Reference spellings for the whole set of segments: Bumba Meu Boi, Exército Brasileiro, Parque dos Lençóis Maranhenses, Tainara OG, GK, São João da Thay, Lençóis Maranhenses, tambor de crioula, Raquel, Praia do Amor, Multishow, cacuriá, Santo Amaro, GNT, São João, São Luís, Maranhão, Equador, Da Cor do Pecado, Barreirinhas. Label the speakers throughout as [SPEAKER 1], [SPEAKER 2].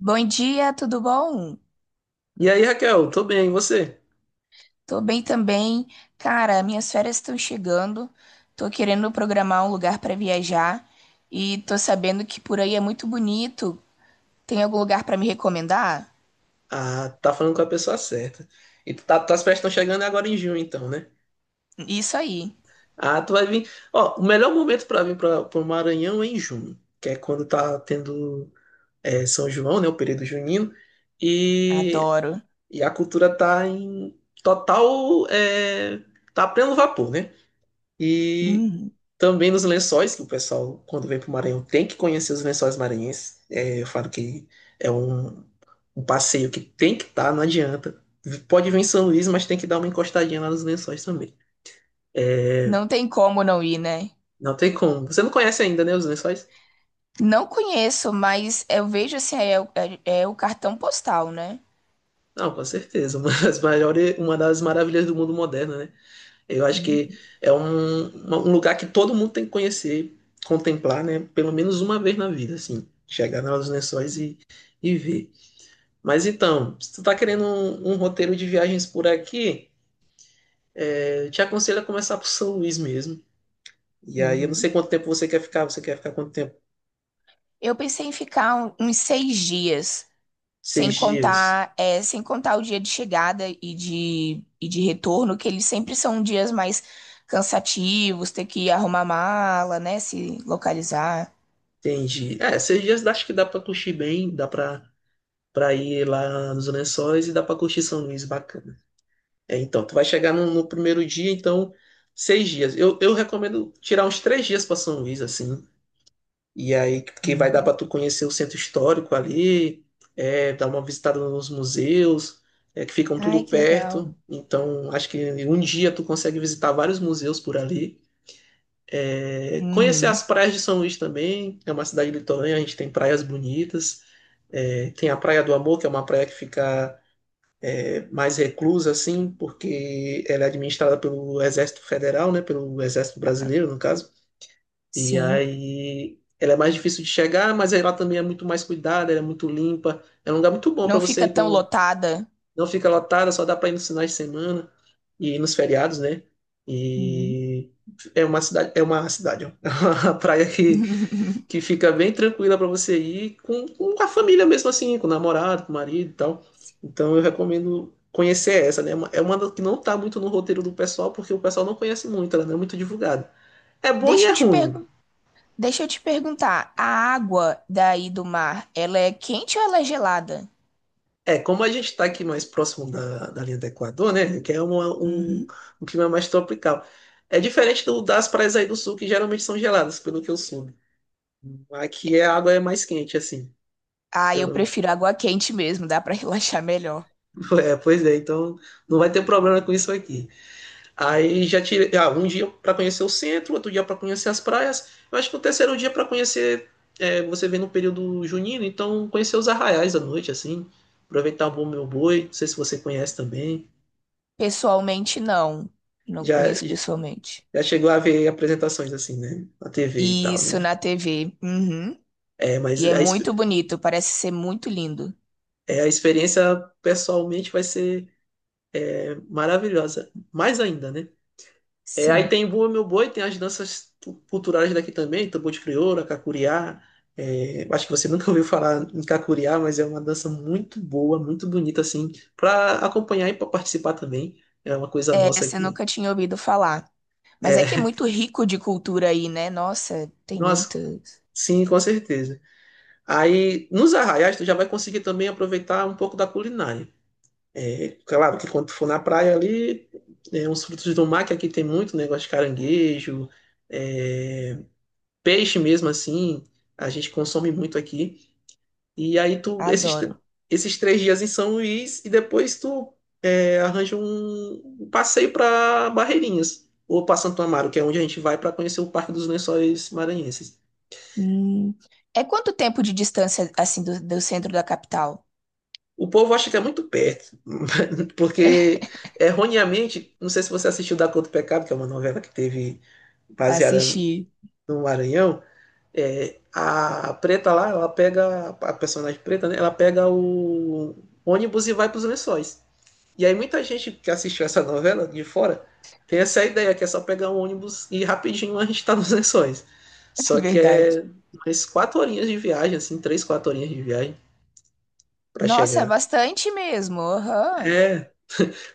[SPEAKER 1] Bom dia, tudo bom?
[SPEAKER 2] E aí, Raquel, tô bem, e você?
[SPEAKER 1] Tô bem também. Cara, minhas férias estão chegando. Tô querendo programar um lugar pra viajar e tô sabendo que por aí é muito bonito. Tem algum lugar pra me recomendar?
[SPEAKER 2] Ah, tá falando com a pessoa certa. E tuas festas estão chegando agora em junho, então, né?
[SPEAKER 1] Isso aí.
[SPEAKER 2] Ah, tu vai vir. Ó, o melhor momento pra vir pro Maranhão é em junho, que é quando tá tendo São João, né? O período junino. E,
[SPEAKER 1] Adoro.
[SPEAKER 2] e a cultura tá em total. Tá a pleno vapor, né? E
[SPEAKER 1] Hum.
[SPEAKER 2] também nos lençóis, que o pessoal, quando vem para o Maranhão, tem que conhecer os lençóis maranhenses. Eu falo que é um passeio que tem que estar, não adianta. Pode vir em São Luís, mas tem que dar uma encostadinha lá nos lençóis também. É,
[SPEAKER 1] Não tem como não ir, né?
[SPEAKER 2] Não tem como. Você não conhece ainda, né, os lençóis?
[SPEAKER 1] Não conheço, mas eu vejo assim, é o cartão postal, né?
[SPEAKER 2] Não, com certeza. Uma das maiores, uma das maravilhas do mundo moderno, né? Eu acho que um lugar que todo mundo tem que conhecer, contemplar, né? Pelo menos uma vez na vida, assim. Chegar nos lençóis e ver. Mas então, se tu tá querendo um roteiro de viagens por aqui, eu te aconselho a começar por São Luís mesmo. E aí eu não sei
[SPEAKER 1] Uhum.
[SPEAKER 2] quanto tempo você quer ficar. Você quer ficar quanto tempo?
[SPEAKER 1] Eu pensei em ficar uns 6 dias. Sem
[SPEAKER 2] 6 dias.
[SPEAKER 1] contar, é, sem contar o dia de chegada e de retorno, que eles sempre são dias mais cansativos, ter que arrumar mala, né? Se localizar.
[SPEAKER 2] Entendi. Seis dias acho que dá pra curtir bem, dá pra ir lá nos Lençóis e dá pra curtir São Luís, bacana. Então, tu vai chegar no primeiro dia, então, 6 dias. Eu recomendo tirar uns 3 dias pra São Luís, assim. E aí, que vai dar
[SPEAKER 1] Uhum.
[SPEAKER 2] para tu conhecer o centro histórico ali, dar uma visitada nos museus, que ficam
[SPEAKER 1] Ai,
[SPEAKER 2] tudo
[SPEAKER 1] que
[SPEAKER 2] perto.
[SPEAKER 1] legal.
[SPEAKER 2] Então, acho que em um dia tu consegue visitar vários museus por ali. Conhecer as
[SPEAKER 1] Uhum,
[SPEAKER 2] praias de São Luís também, é uma cidade litorânea, a gente tem praias bonitas. Tem a Praia do Amor, que é uma praia que fica mais reclusa, assim, porque ela é administrada pelo Exército Federal, né, pelo Exército Brasileiro, no caso. E
[SPEAKER 1] sim.
[SPEAKER 2] aí ela é mais difícil de chegar, mas ela também é muito mais cuidada, ela é muito limpa. É um lugar muito bom para
[SPEAKER 1] Não
[SPEAKER 2] você
[SPEAKER 1] fica
[SPEAKER 2] ir
[SPEAKER 1] tão
[SPEAKER 2] com.
[SPEAKER 1] lotada.
[SPEAKER 2] Não fica lotada, só dá para ir nos finais de semana e nos feriados, né?
[SPEAKER 1] Uhum.
[SPEAKER 2] E é uma cidade, ó. É uma praia que, que fica bem tranquila para você ir com a família mesmo assim, com o namorado, com o marido e tal. Então eu recomendo conhecer essa, né? É uma das que não tá muito no roteiro do pessoal, porque o pessoal não conhece muito, ela não é muito divulgada. É bom e
[SPEAKER 1] Deixa
[SPEAKER 2] é
[SPEAKER 1] eu te
[SPEAKER 2] ruim.
[SPEAKER 1] pergun- Deixa eu te perguntar, a água daí do mar, ela é quente ou ela é gelada?
[SPEAKER 2] Como a gente está aqui mais próximo da linha do Equador, né? Que é uma- um,
[SPEAKER 1] Uhum.
[SPEAKER 2] um clima mais tropical. É diferente das praias aí do sul, que geralmente são geladas, pelo que eu soube. Aqui a água é mais quente, assim.
[SPEAKER 1] Ah, eu
[SPEAKER 2] Pelo.
[SPEAKER 1] prefiro água quente mesmo, dá pra relaxar melhor.
[SPEAKER 2] Pois é, então não vai ter problema com isso aqui. Aí já tirei. Ah, um dia para conhecer o centro, outro dia para conhecer as praias. Eu acho que o terceiro dia para conhecer. Você vem no período junino, então conhecer os arraiais à noite, assim. Aproveitar o bom meu boi. Não sei se você conhece também.
[SPEAKER 1] Pessoalmente, não. Não
[SPEAKER 2] Já.
[SPEAKER 1] conheço pessoalmente.
[SPEAKER 2] Já chegou a ver apresentações assim, né? Na TV e tal,
[SPEAKER 1] Isso
[SPEAKER 2] né?
[SPEAKER 1] na TV. Uhum.
[SPEAKER 2] Mas
[SPEAKER 1] E é muito bonito, parece ser muito lindo.
[SPEAKER 2] a experiência pessoalmente vai ser maravilhosa. Mais ainda, né? Aí
[SPEAKER 1] Sim.
[SPEAKER 2] tem Bumba Meu Boi, tem as danças culturais daqui também, tambor de crioula, cacuriá. Acho que você nunca ouviu falar em cacuriá, mas é uma dança muito boa, muito bonita, assim, para acompanhar e para participar também. É uma coisa
[SPEAKER 1] É,
[SPEAKER 2] nossa
[SPEAKER 1] essa eu
[SPEAKER 2] aqui.
[SPEAKER 1] nunca tinha ouvido falar. Mas é que é
[SPEAKER 2] É,
[SPEAKER 1] muito rico de cultura aí, né? Nossa, tem muito.
[SPEAKER 2] nossa, sim, com certeza. Aí, nos arraiais, tu já vai conseguir também aproveitar um pouco da culinária. É claro que quando tu for na praia ali, uns frutos do mar, que aqui tem muito né, negócio de caranguejo, é, peixe mesmo assim, a gente consome muito aqui. E aí
[SPEAKER 1] Adoro.
[SPEAKER 2] esses três dias em São Luís, e depois tu arranja um passeio para Barreirinhas, ou para Santo Amaro, que é onde a gente vai para conhecer o Parque dos Lençóis Maranhenses.
[SPEAKER 1] Hum. É quanto tempo de distância, assim, do centro da capital?
[SPEAKER 2] O povo acha que é muito perto, porque erroneamente, não sei se você assistiu Da Cor do Pecado, que é uma novela que teve baseada
[SPEAKER 1] Assistir.
[SPEAKER 2] no Maranhão, a preta lá, ela pega, a personagem preta, né, ela pega o ônibus e vai para os lençóis. E aí muita gente que assistiu essa novela de fora tem essa ideia que é só pegar um ônibus e rapidinho a gente está nos lençóis.
[SPEAKER 1] É
[SPEAKER 2] Só que
[SPEAKER 1] verdade.
[SPEAKER 2] é umas 4 horinhas de viagem, assim, 3, 4 horinhas de viagem para
[SPEAKER 1] Nossa, é
[SPEAKER 2] chegar.
[SPEAKER 1] bastante mesmo. Aham.
[SPEAKER 2] É,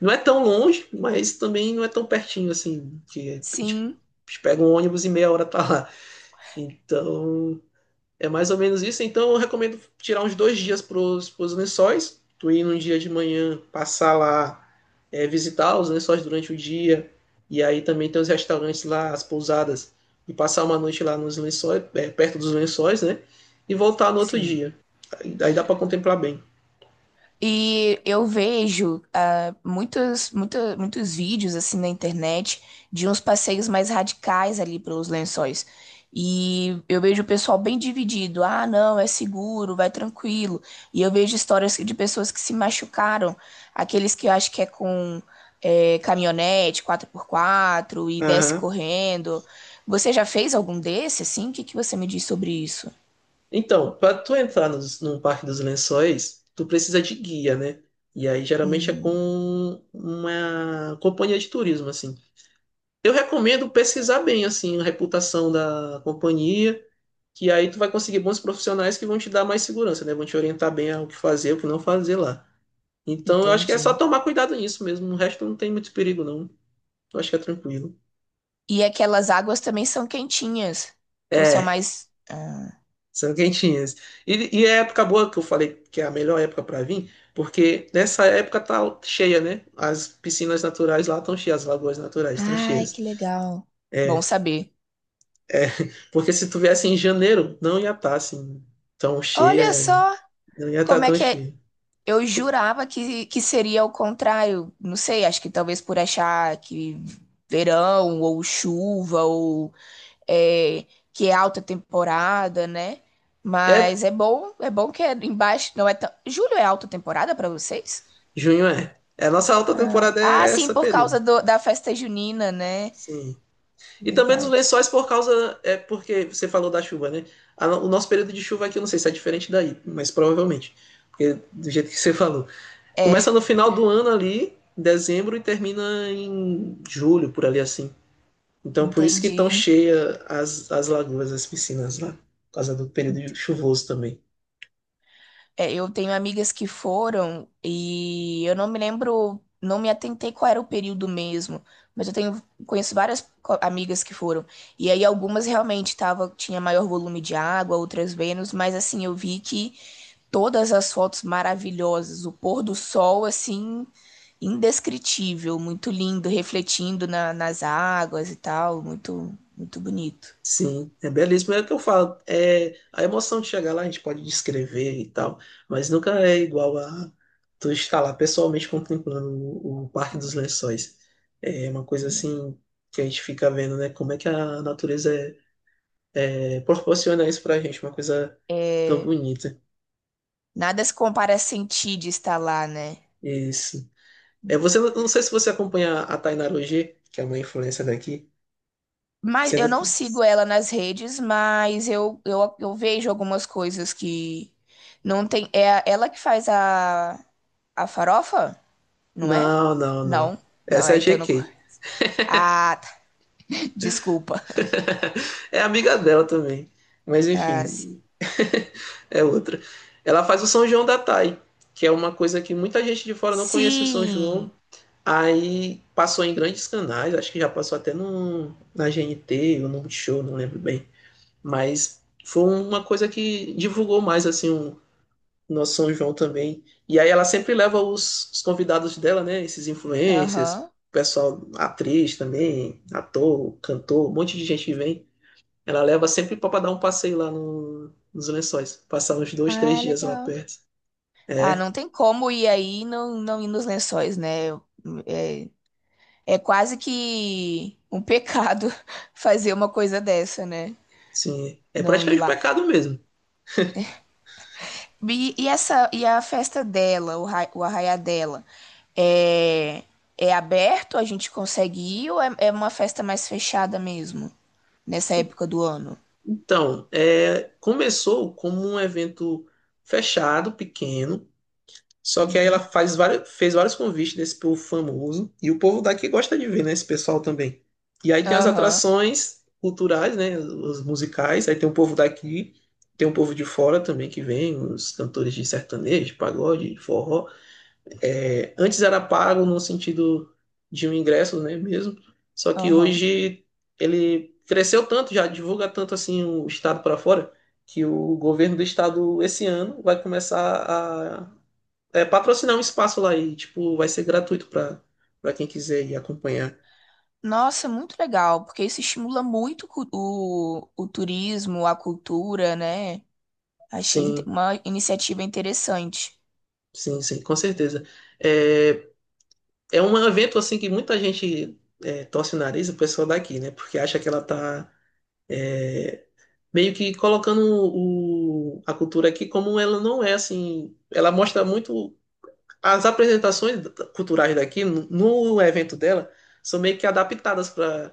[SPEAKER 2] Não é tão longe, mas também não é tão pertinho assim, que a gente
[SPEAKER 1] Sim,
[SPEAKER 2] pega um ônibus e meia hora tá lá. Então, é mais ou menos isso. Então, eu recomendo tirar uns 2 dias pros lençóis. Tu ir num dia de manhã, passar lá, visitar os lençóis durante o dia. E aí também tem os restaurantes lá, as pousadas. E passar uma noite lá nos lençóis, perto dos lençóis, né? E voltar no outro
[SPEAKER 1] sim.
[SPEAKER 2] dia. Aí dá para contemplar bem.
[SPEAKER 1] E eu vejo muitos, muitos vídeos assim na internet de uns passeios mais radicais ali pelos Lençóis. E eu vejo o pessoal bem dividido. Ah, não, é seguro, vai tranquilo. E eu vejo histórias de pessoas que se machucaram, aqueles que eu acho que é com caminhonete 4x4 e desce
[SPEAKER 2] Aham.
[SPEAKER 1] correndo. Você já fez algum desse assim? O que que você me diz sobre isso?
[SPEAKER 2] Então, para tu entrar num Parque dos Lençóis, tu precisa de guia, né? E aí geralmente é com uma companhia de turismo, assim. Eu recomendo pesquisar bem, assim, a reputação da companhia, que aí tu vai conseguir bons profissionais que vão te dar mais segurança, né? Vão te orientar bem ao que fazer, o que não fazer lá. Então, eu acho que é só
[SPEAKER 1] Entendi.
[SPEAKER 2] tomar cuidado nisso mesmo. O resto não tem muito perigo, não. Eu acho que é tranquilo.
[SPEAKER 1] E aquelas águas também são quentinhas. Ou são
[SPEAKER 2] É,
[SPEAKER 1] mais. Ah.
[SPEAKER 2] são quentinhas. E é a época boa que eu falei que é a melhor época para vir, porque nessa época tá cheia, né? As piscinas naturais lá estão cheias, as lagoas naturais estão
[SPEAKER 1] Ai, que
[SPEAKER 2] cheias.
[SPEAKER 1] legal. Bom
[SPEAKER 2] É,
[SPEAKER 1] saber.
[SPEAKER 2] é, porque se tu viesse em janeiro, não ia estar assim tão
[SPEAKER 1] Olha
[SPEAKER 2] cheia,
[SPEAKER 1] só
[SPEAKER 2] não ia estar
[SPEAKER 1] como é
[SPEAKER 2] tão
[SPEAKER 1] que é.
[SPEAKER 2] cheia.
[SPEAKER 1] Eu jurava que seria o contrário. Não sei, acho que talvez por achar que verão ou chuva ou é, que é alta temporada, né?
[SPEAKER 2] É,
[SPEAKER 1] Mas é bom que é embaixo. Não é tão... Julho é alta temporada para vocês?
[SPEAKER 2] junho é. É, a nossa alta
[SPEAKER 1] Ah,
[SPEAKER 2] temporada
[SPEAKER 1] Ah,
[SPEAKER 2] é
[SPEAKER 1] sim,
[SPEAKER 2] esse
[SPEAKER 1] por
[SPEAKER 2] período.
[SPEAKER 1] causa da festa junina, né?
[SPEAKER 2] Sim. E também dos
[SPEAKER 1] Verdade.
[SPEAKER 2] lençóis por causa, é porque você falou da chuva, né? A no- O nosso período de chuva aqui, eu não sei se é diferente daí, mas provavelmente. Porque do jeito que você falou. Começa no
[SPEAKER 1] É.
[SPEAKER 2] final do ano ali, em dezembro, e termina em julho, por ali assim. Então, por isso que estão
[SPEAKER 1] Entendi.
[SPEAKER 2] cheias as lagoas, as piscinas lá, por causa do período chuvoso também.
[SPEAKER 1] É, eu tenho amigas que foram e eu não me lembro, não me atentei qual era o período mesmo, mas eu tenho conheço várias amigas que foram. E aí algumas realmente tinha maior volume de água, outras menos, mas assim, eu vi que todas as fotos maravilhosas, o pôr do sol assim indescritível, muito lindo, refletindo nas águas e tal, muito muito bonito.
[SPEAKER 2] Sim, é belíssimo. É o que eu falo. A emoção de chegar lá a gente pode descrever e tal, mas nunca é igual a tu estar lá pessoalmente contemplando o Parque dos Lençóis. É uma coisa assim que a gente fica vendo, né? Como é que a natureza é, proporciona isso pra gente, uma coisa tão
[SPEAKER 1] É,
[SPEAKER 2] bonita.
[SPEAKER 1] nada se compara a sentir de estar lá, né?
[SPEAKER 2] Isso. É, você não não sei se você acompanha a Tainara OG, que é uma influencer daqui,
[SPEAKER 1] Mas eu
[SPEAKER 2] sendo
[SPEAKER 1] não
[SPEAKER 2] que.
[SPEAKER 1] sigo ela nas redes, mas eu vejo algumas coisas que não tem. Ela que faz a farofa, não é?
[SPEAKER 2] Não, não, não.
[SPEAKER 1] Não, não
[SPEAKER 2] Essa
[SPEAKER 1] é
[SPEAKER 2] é a
[SPEAKER 1] então.
[SPEAKER 2] GK.
[SPEAKER 1] Ah, tá. Desculpa.
[SPEAKER 2] É amiga dela também. Mas
[SPEAKER 1] Ah,
[SPEAKER 2] enfim, é outra. Ela faz o São João da Thay, que é uma coisa que muita gente de fora não conhece o São João.
[SPEAKER 1] sim.
[SPEAKER 2] Aí passou em grandes canais, acho que já passou até na GNT ou no Multishow, não lembro bem. Mas foi uma coisa que divulgou mais assim no São João também. E aí ela sempre leva os convidados dela, né? Esses influencers,
[SPEAKER 1] Aham.
[SPEAKER 2] pessoal, atriz também, ator, cantor, um monte de gente que vem. Ela leva sempre para dar um passeio lá nos Lençóis, passar uns dois, três
[SPEAKER 1] Ah,
[SPEAKER 2] dias lá
[SPEAKER 1] legal.
[SPEAKER 2] perto.
[SPEAKER 1] Ah,
[SPEAKER 2] É,
[SPEAKER 1] não tem como ir aí e não, não ir nos lençóis, né? É, é quase que um pecado fazer uma coisa dessa, né?
[SPEAKER 2] sim, é
[SPEAKER 1] Não ir
[SPEAKER 2] praticamente um
[SPEAKER 1] lá.
[SPEAKER 2] pecado mesmo.
[SPEAKER 1] E essa, e a festa dela, o arraiá dela, é, é aberto? A gente consegue ir ou é uma festa mais fechada mesmo, nessa
[SPEAKER 2] E-
[SPEAKER 1] época do ano?
[SPEAKER 2] Então, começou como um evento fechado, pequeno. Só que aí ela
[SPEAKER 1] Uhum.
[SPEAKER 2] faz vários, fez vários convites desse povo famoso e o povo daqui gosta de ver, né, esse pessoal também. E aí tem as
[SPEAKER 1] Aham,
[SPEAKER 2] atrações culturais, né, os musicais, aí tem o povo daqui, tem o povo de fora também que vem, os cantores de sertanejo, de pagode, de forró. Antes era pago no sentido de um ingresso, né, mesmo. Só que
[SPEAKER 1] aham.
[SPEAKER 2] hoje ele cresceu tanto, já divulga tanto assim o estado para fora, que o governo do estado esse ano vai começar a patrocinar um espaço lá e, tipo, vai ser gratuito para quem quiser ir acompanhar.
[SPEAKER 1] Nossa, muito legal, porque isso estimula muito o turismo, a cultura, né? Achei
[SPEAKER 2] Sim,
[SPEAKER 1] uma iniciativa interessante.
[SPEAKER 2] sim, sim, com certeza. É, é um evento, assim, que muita gente torce o nariz, o pessoal daqui, né? Porque acha que ela tá meio que colocando a cultura aqui como ela não é, assim. Ela mostra muito. As apresentações culturais daqui, no evento dela, são meio que adaptadas para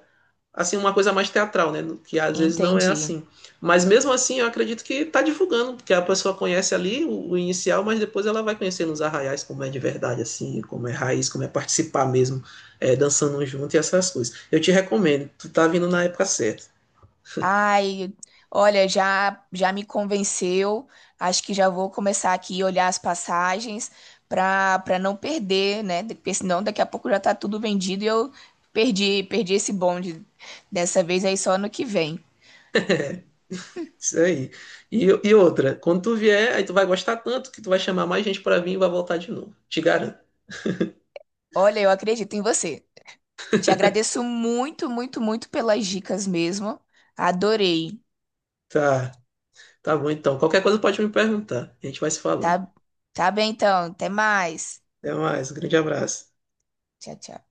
[SPEAKER 2] assim uma coisa mais teatral, né? Que às vezes não é
[SPEAKER 1] Entendi.
[SPEAKER 2] assim. Mas mesmo assim, eu acredito que tá divulgando, porque a pessoa conhece ali o inicial, mas depois ela vai conhecendo os arraiais como é de verdade, assim, como é raiz, como é participar mesmo, dançando junto e essas coisas. Eu te recomendo, tu tá vindo na época certa.
[SPEAKER 1] Ai, olha, já já me convenceu. Acho que já vou começar aqui a olhar as passagens para não perder, né? Porque senão daqui a pouco já tá tudo vendido e eu perdi esse bonde dessa vez aí só no que vem.
[SPEAKER 2] Isso aí. E outra, quando tu vier, aí tu vai gostar tanto que tu vai chamar mais gente para vir e vai voltar de novo. Te garanto.
[SPEAKER 1] Olha, eu acredito em você. Te agradeço muito, muito, muito pelas dicas mesmo. Adorei.
[SPEAKER 2] Tá, tá bom então. Qualquer coisa pode me perguntar. A gente vai se falando.
[SPEAKER 1] Tá, tá bem então. Até mais.
[SPEAKER 2] Até mais, um grande abraço.
[SPEAKER 1] Tchau, tchau.